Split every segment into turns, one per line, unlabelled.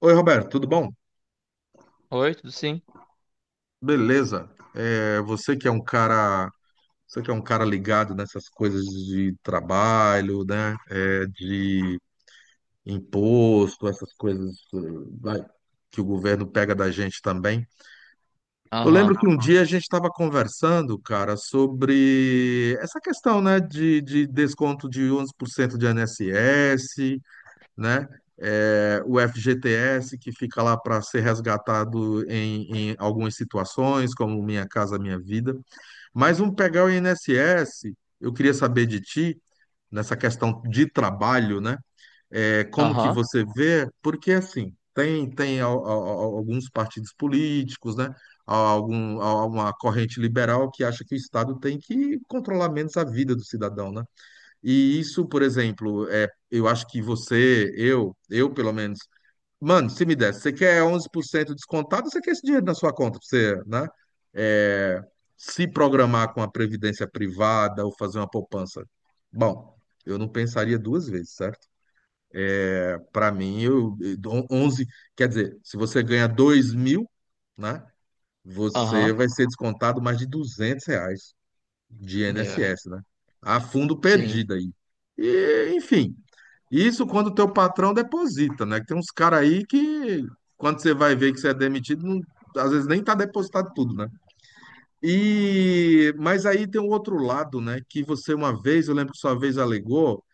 Oi, Roberto, tudo bom?
Oi, tudo sim?
Beleza. É, você que é um cara ligado nessas coisas de trabalho, né? É, de imposto, essas coisas, vai, que o governo pega da gente também. Eu lembro
Aham,
que um dia a gente estava conversando, cara, sobre essa questão, né, de desconto de 11% de INSS, né? É, o FGTS, que fica lá para ser resgatado em algumas situações, como Minha Casa Minha Vida. Mas vamos pegar o INSS, eu queria saber de ti, nessa questão de trabalho, né? É, como que
aham,
você vê? Porque, assim, tem alguns partidos políticos, né? Algum, uma corrente liberal que acha que o Estado tem que controlar menos a vida do cidadão, né? E isso, por exemplo, é, eu acho que você, eu pelo menos, mano, se me desse, você quer 11% descontado, você quer esse dinheiro na sua conta pra você, né? É, se programar com a previdência privada ou fazer uma poupança. Bom, eu não pensaria duas vezes, certo? Para mim, 11, quer dizer, se você ganha 2.000, né? Você
aham.
vai ser descontado mais de R$ 200 de
Yeah.
INSS, né? A fundo
Sim,
perdido aí. E, enfim, isso quando o teu patrão deposita, né? Que tem uns caras aí que, quando você vai ver que você é demitido, às vezes nem tá depositado tudo, né? E, mas aí tem um outro lado, né? Que você uma vez, eu lembro que sua vez alegou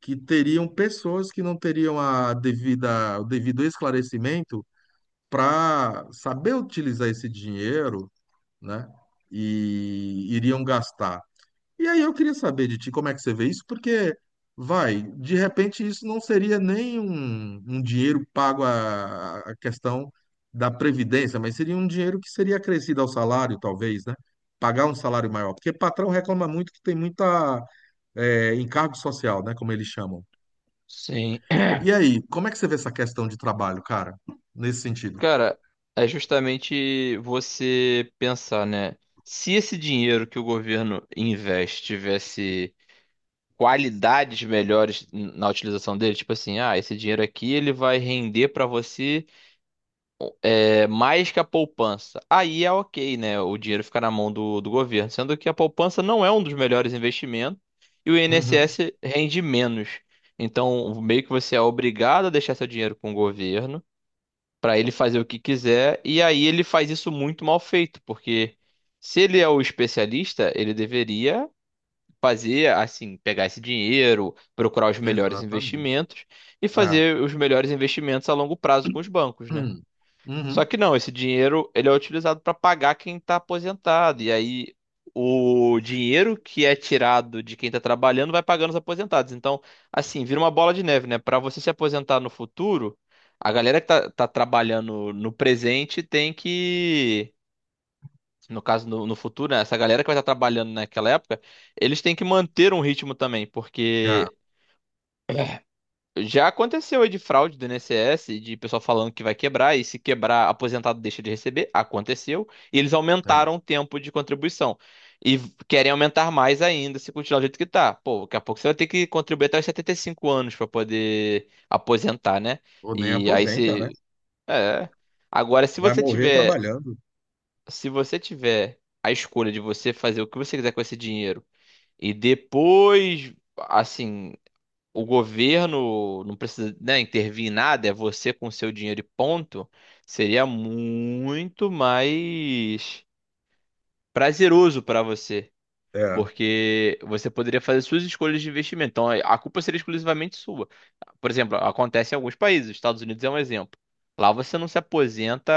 que teriam pessoas que não teriam a devida, o devido esclarecimento para saber utilizar esse dinheiro, né? E iriam gastar. E aí eu queria saber de ti como é que você vê isso, porque vai, de repente isso não seria nem um, um dinheiro pago à, à questão da previdência, mas seria um dinheiro que seria acrescido ao salário, talvez, né? Pagar um salário maior, porque patrão reclama muito que tem muita encargo social, né? Como eles chamam.
sim.
E aí, como é que você vê essa questão de trabalho, cara, nesse sentido?
Cara, é justamente você pensar, né? Se esse dinheiro que o governo investe tivesse qualidades melhores na utilização dele, tipo assim, ah, esse dinheiro aqui ele vai render pra você. É mais que a poupança. Aí é ok, né? O dinheiro fica na mão do governo. Sendo que a poupança não é um dos melhores investimentos e o
Uhum,
INSS rende menos. Então, meio que você é obrigado a deixar seu dinheiro com o governo para ele fazer o que quiser. E aí ele faz isso muito mal feito, porque se ele é o especialista, ele deveria fazer assim, pegar esse dinheiro, procurar os melhores
exatamente.
investimentos e
É.
fazer os melhores investimentos a longo prazo com os bancos, né?
Hum,
Só
Uhum.
que não, esse dinheiro ele é utilizado para pagar quem está aposentado. E aí o dinheiro que é tirado de quem está trabalhando vai pagando os aposentados. Então, assim, vira uma bola de neve, né? Para você se aposentar no futuro, a galera que tá trabalhando no presente tem que. No caso, no futuro, né? Essa galera que vai estar trabalhando naquela época, eles têm que manter um ritmo também,
É,
porque já aconteceu aí de fraude do INSS, de pessoal falando que vai quebrar, e se quebrar, aposentado deixa de receber. Aconteceu. E eles
é.
aumentaram o tempo de contribuição. E querem aumentar mais ainda se continuar do jeito que tá. Pô, daqui a pouco você vai ter que contribuir até os 75 anos para poder aposentar, né?
Ou nem
E aí
aposenta, né?
se. É. Agora, se
Vai
você
morrer
tiver.
trabalhando.
Se você tiver a escolha de você fazer o que você quiser com esse dinheiro e depois, assim, o governo não precisa, né, intervir em nada, é você com seu dinheiro e ponto, seria muito mais prazeroso para você.
É.
Porque você poderia fazer suas escolhas de investimento. Então, a culpa seria exclusivamente sua. Por exemplo, acontece em alguns países, Estados Unidos é um exemplo. Lá você não se aposenta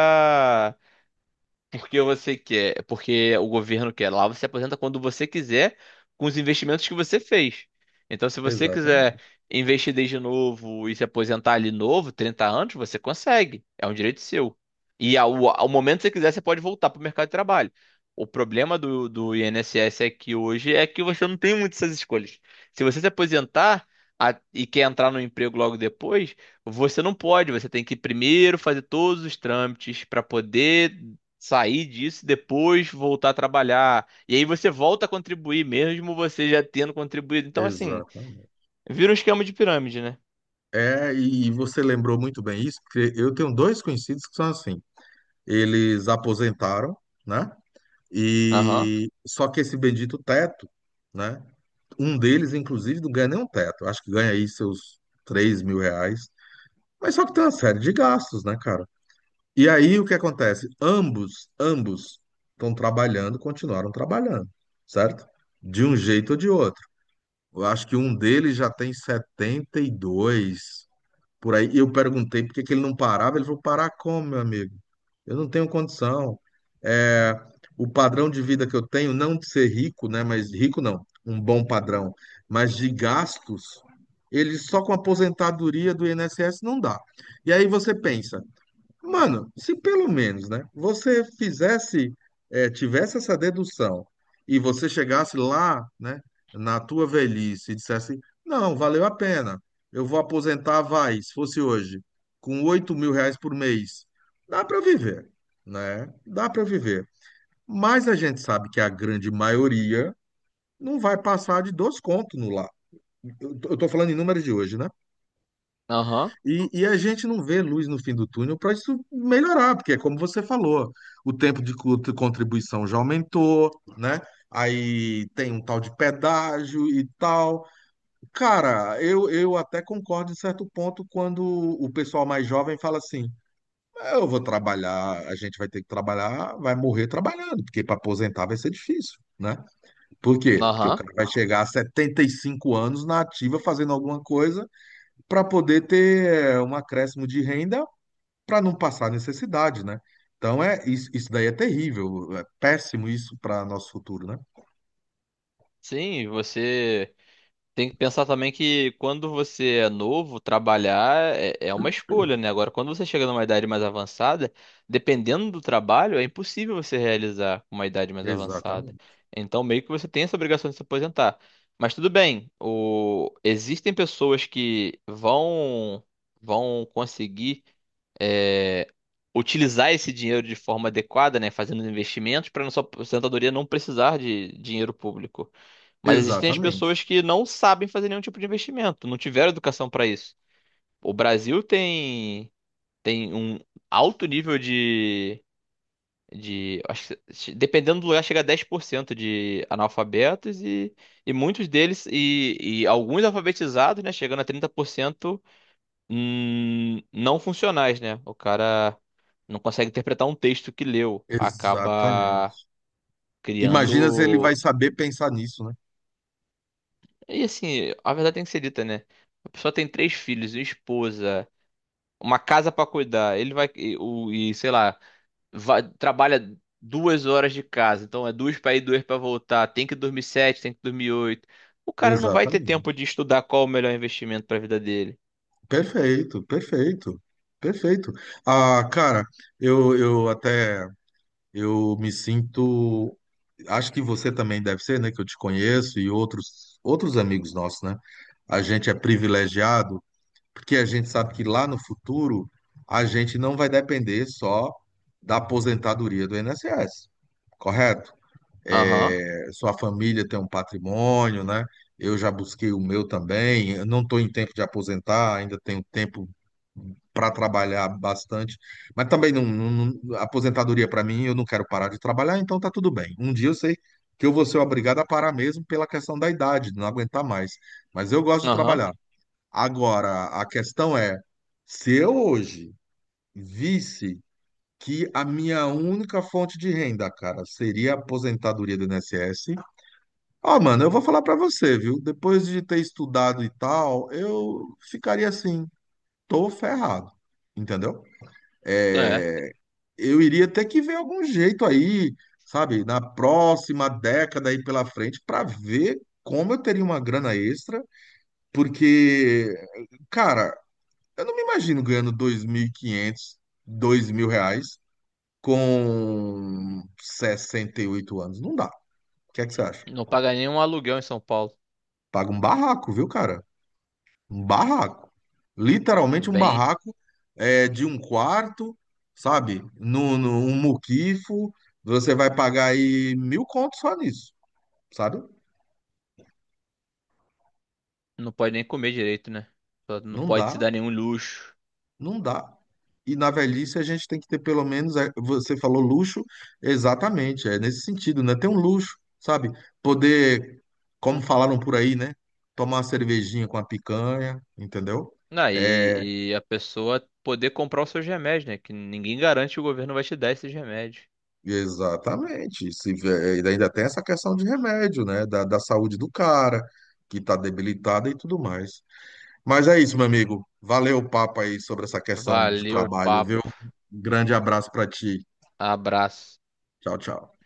porque você quer, porque o governo quer. Lá você se aposenta quando você quiser, com os investimentos que você fez. Então, se você quiser
Exatamente,
investir desde novo e se aposentar ali novo, 30 anos, você consegue. É um direito seu. E ao momento que você quiser, você pode voltar para o mercado de trabalho. O problema do INSS é que hoje é que você não tem muitas essas escolhas. Se você se aposentar e quer entrar no emprego logo depois, você não pode, você tem que primeiro fazer todos os trâmites para poder sair disso e depois voltar a trabalhar. E aí você volta a contribuir, mesmo você já tendo contribuído. Então, assim,
exatamente.
vira um esquema de pirâmide, né?
É, e você lembrou muito bem isso, porque eu tenho dois conhecidos que são assim. Eles aposentaram, né?
Aham,
E só que esse bendito teto, né? Um deles, inclusive, não ganha nem um teto. Acho que ganha aí seus R$ 3.000. Mas só que tem uma série de gastos, né, cara? E aí o que acontece? Ambos, ambos estão trabalhando, continuaram trabalhando, certo? De um jeito ou de outro. Eu acho que um deles já tem 72 por aí. E eu perguntei por que que ele não parava. Ele falou, parar como, meu amigo? Eu não tenho condição. É, o padrão de vida que eu tenho, não de ser rico, né? Mas rico não, um bom padrão. Mas de gastos, ele só com a aposentadoria do INSS não dá. E aí você pensa, mano, se pelo menos, né, você fizesse, tivesse essa dedução e você chegasse lá, né, na tua velhice e dissesse, não, valeu a pena, eu vou aposentar, vai, se fosse hoje, com R$ 8.000 por mês, dá para viver, né? Dá para viver. Mas a gente sabe que a grande maioria não vai passar de dois contos no lá. Eu tô falando em números de hoje, né?
aham,
E a gente não vê luz no fim do túnel para isso melhorar, porque é como você falou, o tempo de de contribuição já aumentou, né? Aí tem um tal de pedágio e tal. Cara, eu até concordo em certo ponto quando o pessoal mais jovem fala assim: eu vou trabalhar, a gente vai ter que trabalhar, vai morrer trabalhando, porque para aposentar vai ser difícil, né? Por quê? Porque o
aham.
cara vai chegar a 75 anos na ativa fazendo alguma coisa para poder ter um acréscimo de renda para não passar necessidade, né? Então é isso, isso daí é terrível, é péssimo isso para nosso futuro, né?
Sim, você. Tem que pensar também que quando você é novo, trabalhar é, é uma escolha, né? Agora, quando você chega numa idade mais avançada, dependendo do trabalho, é impossível você realizar com uma idade mais avançada.
Exatamente.
Então, meio que você tem essa obrigação de se aposentar. Mas tudo bem, existem pessoas que vão, conseguir é, utilizar esse dinheiro de forma adequada, né, fazendo investimentos para nossa aposentadoria não precisar de dinheiro público. Mas existem as
Exatamente.
pessoas que não sabem fazer nenhum tipo de investimento, não tiveram educação para isso. O Brasil tem um alto nível de acho que, dependendo do lugar chega a 10% de analfabetos e muitos deles e alguns alfabetizados, né, chegando a 30% não funcionais, né? O cara não consegue interpretar um texto que leu, acaba
Exatamente. Imagina se ele vai
criando.
saber pensar nisso, né?
E assim, a verdade tem que ser dita, né? A pessoa tem três filhos, uma esposa, uma casa pra cuidar. Ele vai sei lá, trabalha 2 horas de casa, então é duas pra ir, duas pra voltar. Tem que dormir sete, tem que dormir oito. O cara não vai ter tempo
Exatamente.
de estudar qual o melhor investimento pra vida dele.
Perfeito, perfeito, perfeito. Ah, cara, eu, eu até eu me sinto. Acho que você também deve ser, né? Que eu te conheço e outros amigos nossos, né? A gente é privilegiado porque a gente sabe que lá no futuro a gente não vai depender só da aposentadoria do INSS, correto?
Aham,
É, sua família tem um patrimônio, né? Eu já busquei o meu também. Eu não estou em tempo de aposentar, ainda tenho tempo para trabalhar bastante, mas também aposentadoria para mim, eu não quero parar de trabalhar, então tá tudo bem. Um dia eu sei que eu vou ser obrigado a parar mesmo pela questão da idade, de não aguentar mais, mas eu gosto de
aham,
trabalhar. Agora, a questão é, se eu hoje visse que a minha única fonte de renda, cara, seria a aposentadoria do INSS, ó, mano, eu vou falar pra você, viu? Depois de ter estudado e tal, eu ficaria assim, tô ferrado, entendeu?
é.
É, eu iria ter que ver algum jeito aí, sabe, na próxima década aí pela frente, pra ver como eu teria uma grana extra, porque cara, eu não me imagino ganhando 2.500, R$ 2.000 com 68 anos. Não dá. O que é que você acha?
Não paga nenhum aluguel em São Paulo.
Paga um barraco, viu, cara? Um barraco. Literalmente um
Bem,
barraco é, de um quarto, sabe? No, no, um muquifo. Você vai pagar aí mil contos só nisso, sabe?
não pode nem comer direito, né? Só não
Não
pode
dá,
se dar nenhum luxo.
não dá. E na velhice a gente tem que ter pelo menos, é, você falou luxo, exatamente, é nesse sentido, né? Ter um luxo, sabe? Poder, como falaram por aí, né? Tomar uma cervejinha com a picanha, entendeu?
Ah,
É,
e a pessoa poder comprar os seus remédios, né? Que ninguém garante que o governo vai te dar esses remédios.
exatamente. Se, vê- é, e ainda tem essa questão de remédio, né? Da saúde do cara, que tá debilitada e tudo mais. Mas é isso, meu amigo. Valeu o papo aí sobre essa questão de
Valeu,
trabalho, viu?
papo.
Grande abraço pra ti.
Abraço.
Tchau, tchau.